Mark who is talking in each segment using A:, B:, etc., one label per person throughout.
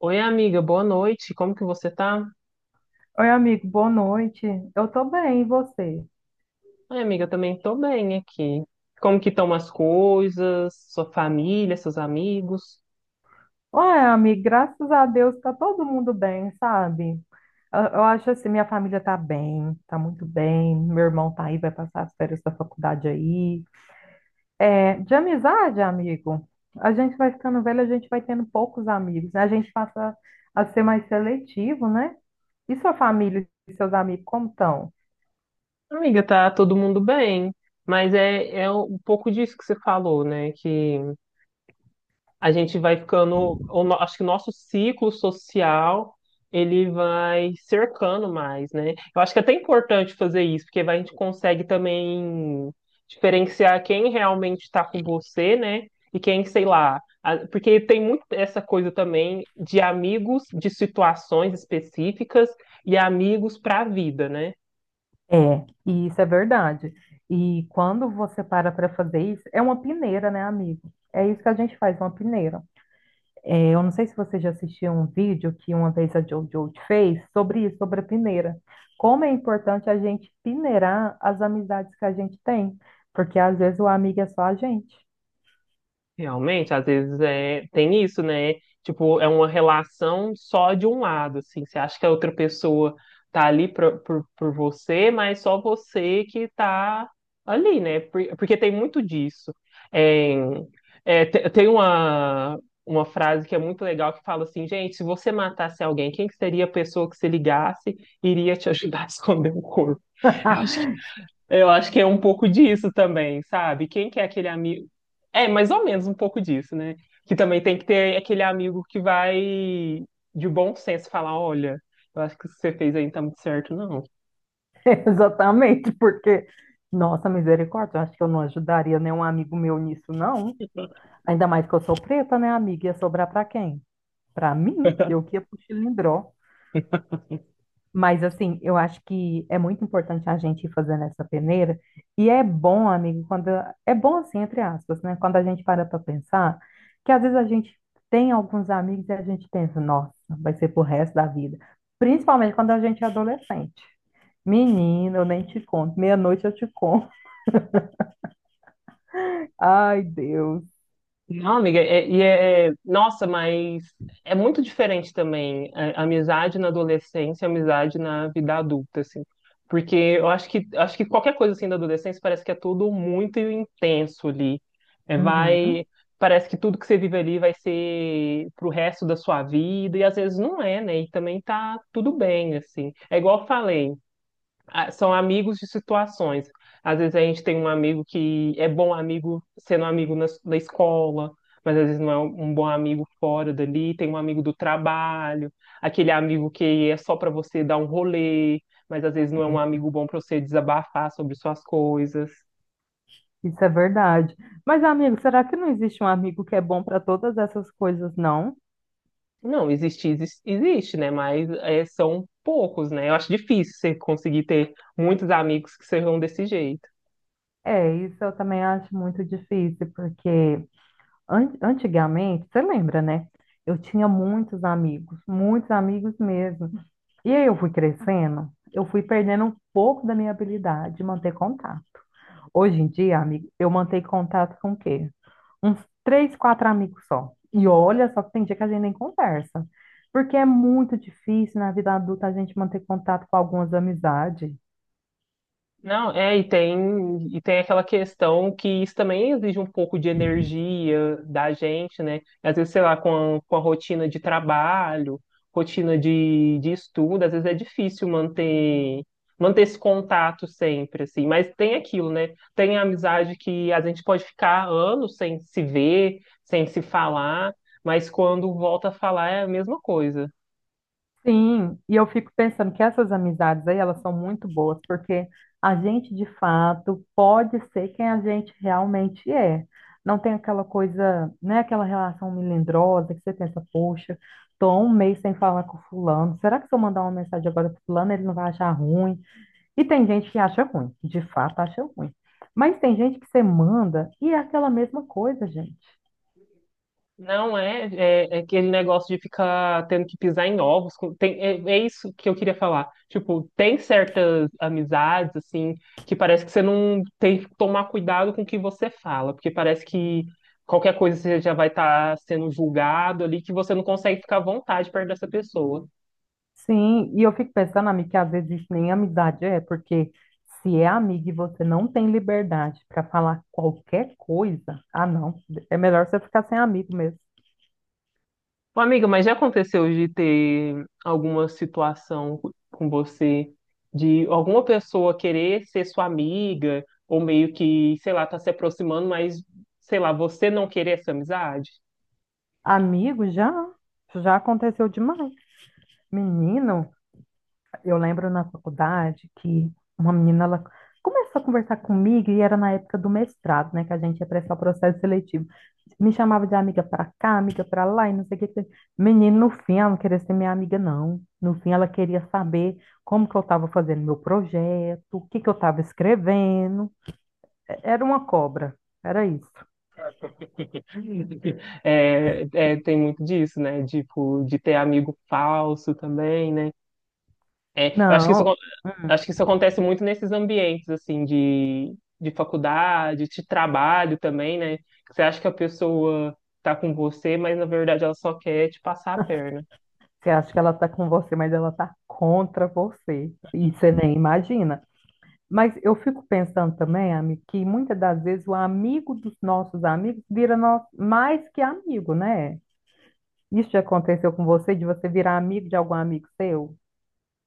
A: Oi, amiga, boa noite. Como que você tá?
B: Oi, amigo, boa noite. Eu tô bem, e você?
A: Oi, amiga, eu também tô bem aqui. Como que estão as coisas, sua família, seus amigos?
B: Ué, amigo, graças a Deus tá todo mundo bem, sabe? Eu acho assim, minha família tá bem, tá muito bem. Meu irmão tá aí, vai passar as férias da faculdade aí. É, de amizade, amigo, a gente vai ficando velho, a gente vai tendo poucos amigos, né? A gente passa a ser mais seletivo, né? E sua família e seus amigos, como estão?
A: Amiga, tá todo mundo bem, mas é um pouco disso que você falou, né? Que a gente vai ficando, o no- acho que o nosso ciclo social ele vai cercando mais, né? Eu acho que é até importante fazer isso, porque a gente consegue também diferenciar quem realmente está com você, né? E quem, sei lá, porque tem muito essa coisa também de amigos de situações específicas e amigos para a vida, né?
B: É, e isso é verdade. E quando você para para fazer isso, é uma peneira, né, amigo? É isso que a gente faz, uma peneira. É, eu não sei se você já assistiu um vídeo que uma vez a JoJo fez sobre isso, sobre a peneira. Como é importante a gente peneirar as amizades que a gente tem, porque às vezes o amigo é só a gente.
A: Realmente, às vezes é, tem isso, né? Tipo, é uma relação só de um lado, assim. Você acha que a outra pessoa tá ali por você, mas só você que tá ali, né? Porque tem muito disso. É, tem uma frase que é muito legal que fala assim, gente, se você matasse alguém, quem que seria a pessoa que se ligasse e iria te ajudar a esconder o corpo? Eu acho eu acho que é um pouco disso também, sabe? Quem que é aquele amigo? É, mais ou menos um pouco disso, né? Que também tem que ter aquele amigo que vai de bom senso falar, olha, eu acho que isso que você fez aí não tá muito certo, não.
B: Exatamente, porque, nossa misericórdia, eu acho que eu não ajudaria nenhum amigo meu nisso, não. Ainda mais que eu sou preta, né, amiga? Ia sobrar para quem? Para mim, eu que ia pro Chilindró. Mas, assim, eu acho que é muito importante a gente ir fazendo essa peneira. E é bom, amigo, quando. É bom, assim, entre aspas, né? Quando a gente para para pensar, que às vezes a gente tem alguns amigos e a gente pensa, nossa, vai ser pro resto da vida. Principalmente quando a gente é adolescente. Menina, eu nem te conto. Meia-noite eu te conto. Ai, Deus.
A: Não, amiga, nossa, mas é muito diferente também a amizade na adolescência, e a amizade na vida adulta, assim. Porque eu acho que qualquer coisa assim da adolescência parece que é tudo muito intenso ali. É, vai,
B: Uhum.
A: parece que tudo que você vive ali vai ser pro resto da sua vida, e às vezes não é, né? E também tá tudo bem, assim. É igual eu falei, são amigos de situações. Às vezes a gente tem um amigo que é bom amigo sendo amigo na escola, mas às vezes não é um bom amigo fora dali. Tem um amigo do trabalho, aquele amigo que é só para você dar um rolê, mas às vezes não é um
B: É.
A: amigo bom para você desabafar sobre suas coisas.
B: Isso é verdade. Mas, amigo, será que não existe um amigo que é bom para todas essas coisas, não?
A: Não, existe, né? Mas é, são poucos, né? Eu acho difícil você conseguir ter muitos amigos que sejam desse jeito.
B: É, isso eu também acho muito difícil, porque antigamente, você lembra, né? Eu tinha muitos amigos mesmo. E aí eu fui crescendo, eu fui perdendo um pouco da minha habilidade de manter contato. Hoje em dia, amigo, eu mantenho contato com o quê? Uns três, quatro amigos só. E olha só que tem dia que a gente nem conversa. Porque é muito difícil na vida adulta a gente manter contato com algumas amizades.
A: Não, é, e tem aquela questão que isso também exige um pouco de energia da gente, né? Às vezes, sei lá, com a rotina de trabalho, rotina de estudo, às vezes é difícil manter esse contato sempre, assim. Mas tem aquilo, né? Tem a amizade que a gente pode ficar anos sem se ver, sem se falar, mas quando volta a falar é a mesma coisa.
B: Sim, e eu fico pensando que essas amizades aí, elas são muito boas, porque a gente de fato pode ser quem a gente realmente é. Não tem aquela coisa, né, aquela relação melindrosa que você pensa, poxa, tô há um mês sem falar com fulano, será que se eu mandar uma mensagem agora pro fulano, ele não vai achar ruim? E tem gente que acha ruim, de fato acha ruim. Mas tem gente que você manda e é aquela mesma coisa, gente.
A: Não é, é, é aquele negócio de ficar tendo que pisar em ovos. Tem, é isso que eu queria falar. Tipo, tem certas amizades, assim, que parece que você não tem que tomar cuidado com o que você fala, porque parece que qualquer coisa você já vai estar sendo julgado ali, que você não consegue ficar à vontade perto dessa pessoa.
B: Sim, e eu fico pensando, amiga, que às vezes isso nem amizade é, porque se é amigo e você não tem liberdade para falar qualquer coisa, ah, não, é melhor você ficar sem amigo mesmo.
A: Ô, amiga, mas já aconteceu de ter alguma situação com você, de alguma pessoa querer ser sua amiga, ou meio que, sei lá, tá se aproximando, mas, sei lá, você não querer essa amizade?
B: Amigo, já, já aconteceu demais. Menino, eu lembro na faculdade que uma menina ela começou a conversar comigo e era na época do mestrado, né, que a gente ia prestar o processo seletivo. Me chamava de amiga para cá, amiga para lá e não sei o que. Menino, no fim, ela não queria ser minha amiga, não. No fim, ela queria saber como que eu estava fazendo meu projeto, o que que eu estava escrevendo. Era uma cobra, era isso.
A: É, é, tem muito disso, né? Tipo, de ter amigo falso também, né? É, eu acho que isso
B: Não, hum,
A: Acho que isso acontece muito nesses ambientes, assim, de faculdade, de trabalho também, né? Você acha que a pessoa tá com você, mas na verdade ela só quer te passar a perna.
B: você acha que ela está com você, mas ela está contra você. E você nem imagina. Mas eu fico pensando também, Ami, que muitas das vezes o amigo dos nossos amigos vira nós mais que amigo, né? Isso já aconteceu com você, de você virar amigo de algum amigo seu?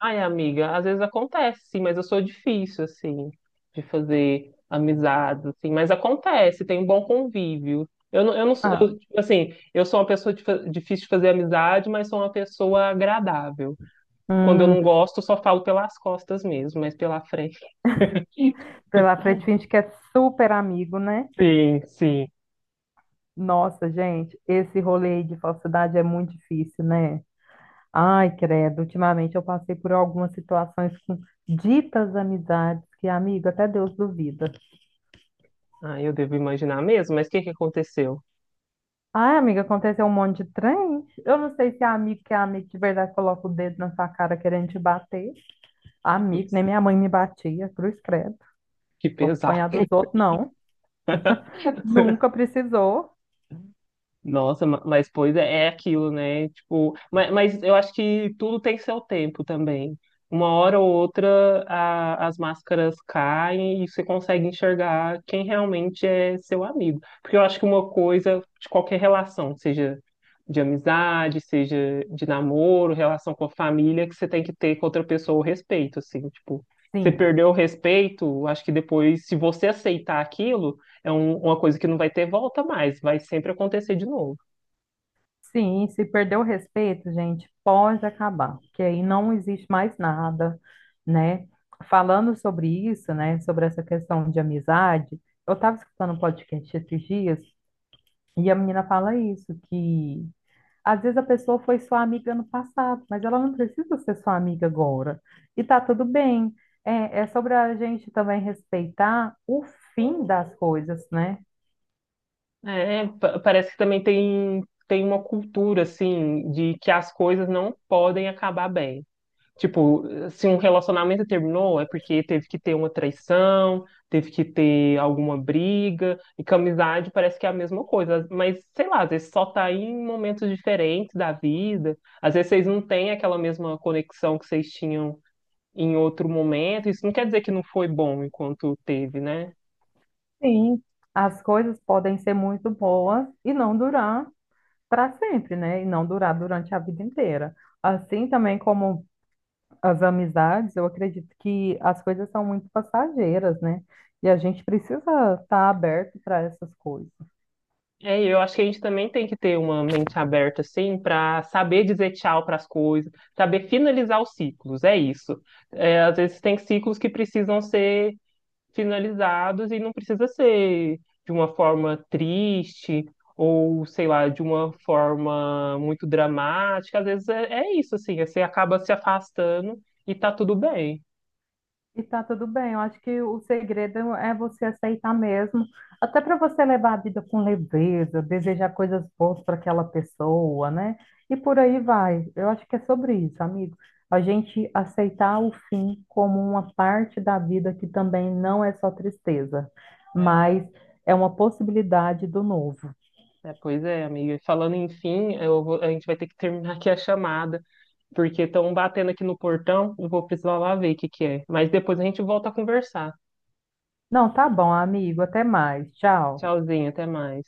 A: Ai, amiga, às vezes acontece, sim, mas eu sou difícil, assim, de fazer amizades, assim, mas acontece, tem um bom convívio. Eu não, sou-
B: Ah,
A: eu, tipo assim, eu sou uma pessoa de difícil de fazer amizade, mas sou uma pessoa agradável. Quando eu
B: hum,
A: não gosto, eu só falo pelas costas mesmo, mas pela frente.
B: pela frente finge que é super amigo, né?
A: Sim, sim.
B: Nossa, gente, esse rolê aí de falsidade é muito difícil, né? Ai, credo, ultimamente eu passei por algumas situações com ditas amizades que, amigo, até Deus duvida.
A: Ah, eu devo imaginar mesmo, mas o que que aconteceu?
B: Ai, amiga, aconteceu um monte de trem. Eu não sei se é amigo que é amigo de verdade coloca o dedo na sua cara querendo te bater. Amigo, nem minha mãe me batia, cruz credo.
A: Que
B: Vou
A: pesado.
B: apanhar dos outros, não. Nunca precisou.
A: Nossa, mas pois é, é aquilo, né? Tipo, mas eu acho que tudo tem seu tempo também. Uma hora ou outra as máscaras caem e você consegue enxergar quem realmente é seu amigo. Porque eu acho que uma coisa de qualquer relação, seja de amizade, seja de namoro, relação com a família, que você tem que ter com outra pessoa o respeito, assim, tipo, você
B: Sim.
A: perdeu o respeito, acho que depois, se você aceitar aquilo é uma coisa que não vai ter volta mais, vai sempre acontecer de novo.
B: Sim, se perder o respeito, gente, pode acabar, porque aí não existe mais nada, né? Falando sobre isso, né, sobre essa questão de amizade, eu estava escutando um podcast esses dias e a menina fala isso, que às vezes a pessoa foi sua amiga no passado, mas ela não precisa ser sua amiga agora. E tá tudo bem. É, é sobre a gente também respeitar o fim das coisas, né?
A: É, parece que também tem, tem uma cultura, assim, de que as coisas não podem acabar bem. Tipo, se um relacionamento terminou, é porque teve que ter uma traição, teve que ter alguma briga, e com amizade parece que é a mesma coisa. Mas, sei lá, às vezes só tá em momentos diferentes da vida, às vezes vocês não têm aquela mesma conexão que vocês tinham em outro momento. Isso não quer dizer que não foi bom enquanto teve, né?
B: Sim, as coisas podem ser muito boas e não durar. Para sempre, né? E não durar durante a vida inteira. Assim também como as amizades, eu acredito que as coisas são muito passageiras, né? E a gente precisa estar aberto para essas coisas.
A: É, eu acho que a gente também tem que ter uma mente aberta, assim, para saber dizer tchau para as coisas, saber finalizar os ciclos, é isso. É, às vezes tem ciclos que precisam ser finalizados e não precisa ser de uma forma triste ou, sei lá, de uma forma muito dramática. Às vezes é isso, assim, você acaba se afastando e tá tudo bem.
B: E tá tudo bem, eu acho que o segredo é você aceitar mesmo, até para você levar a vida com leveza, desejar coisas boas para aquela pessoa, né? E por aí vai. Eu acho que é sobre isso, amigo. A gente aceitar o fim como uma parte da vida que também não é só tristeza,
A: É,
B: mas é uma possibilidade do novo.
A: pois é, amiga. Falando enfim, a gente vai ter que terminar aqui a chamada. Porque estão batendo aqui no portão. Eu vou precisar lá ver o que que é. Mas depois a gente volta a conversar.
B: Não, tá bom, amigo, até mais. Tchau.
A: Tchauzinho, até mais.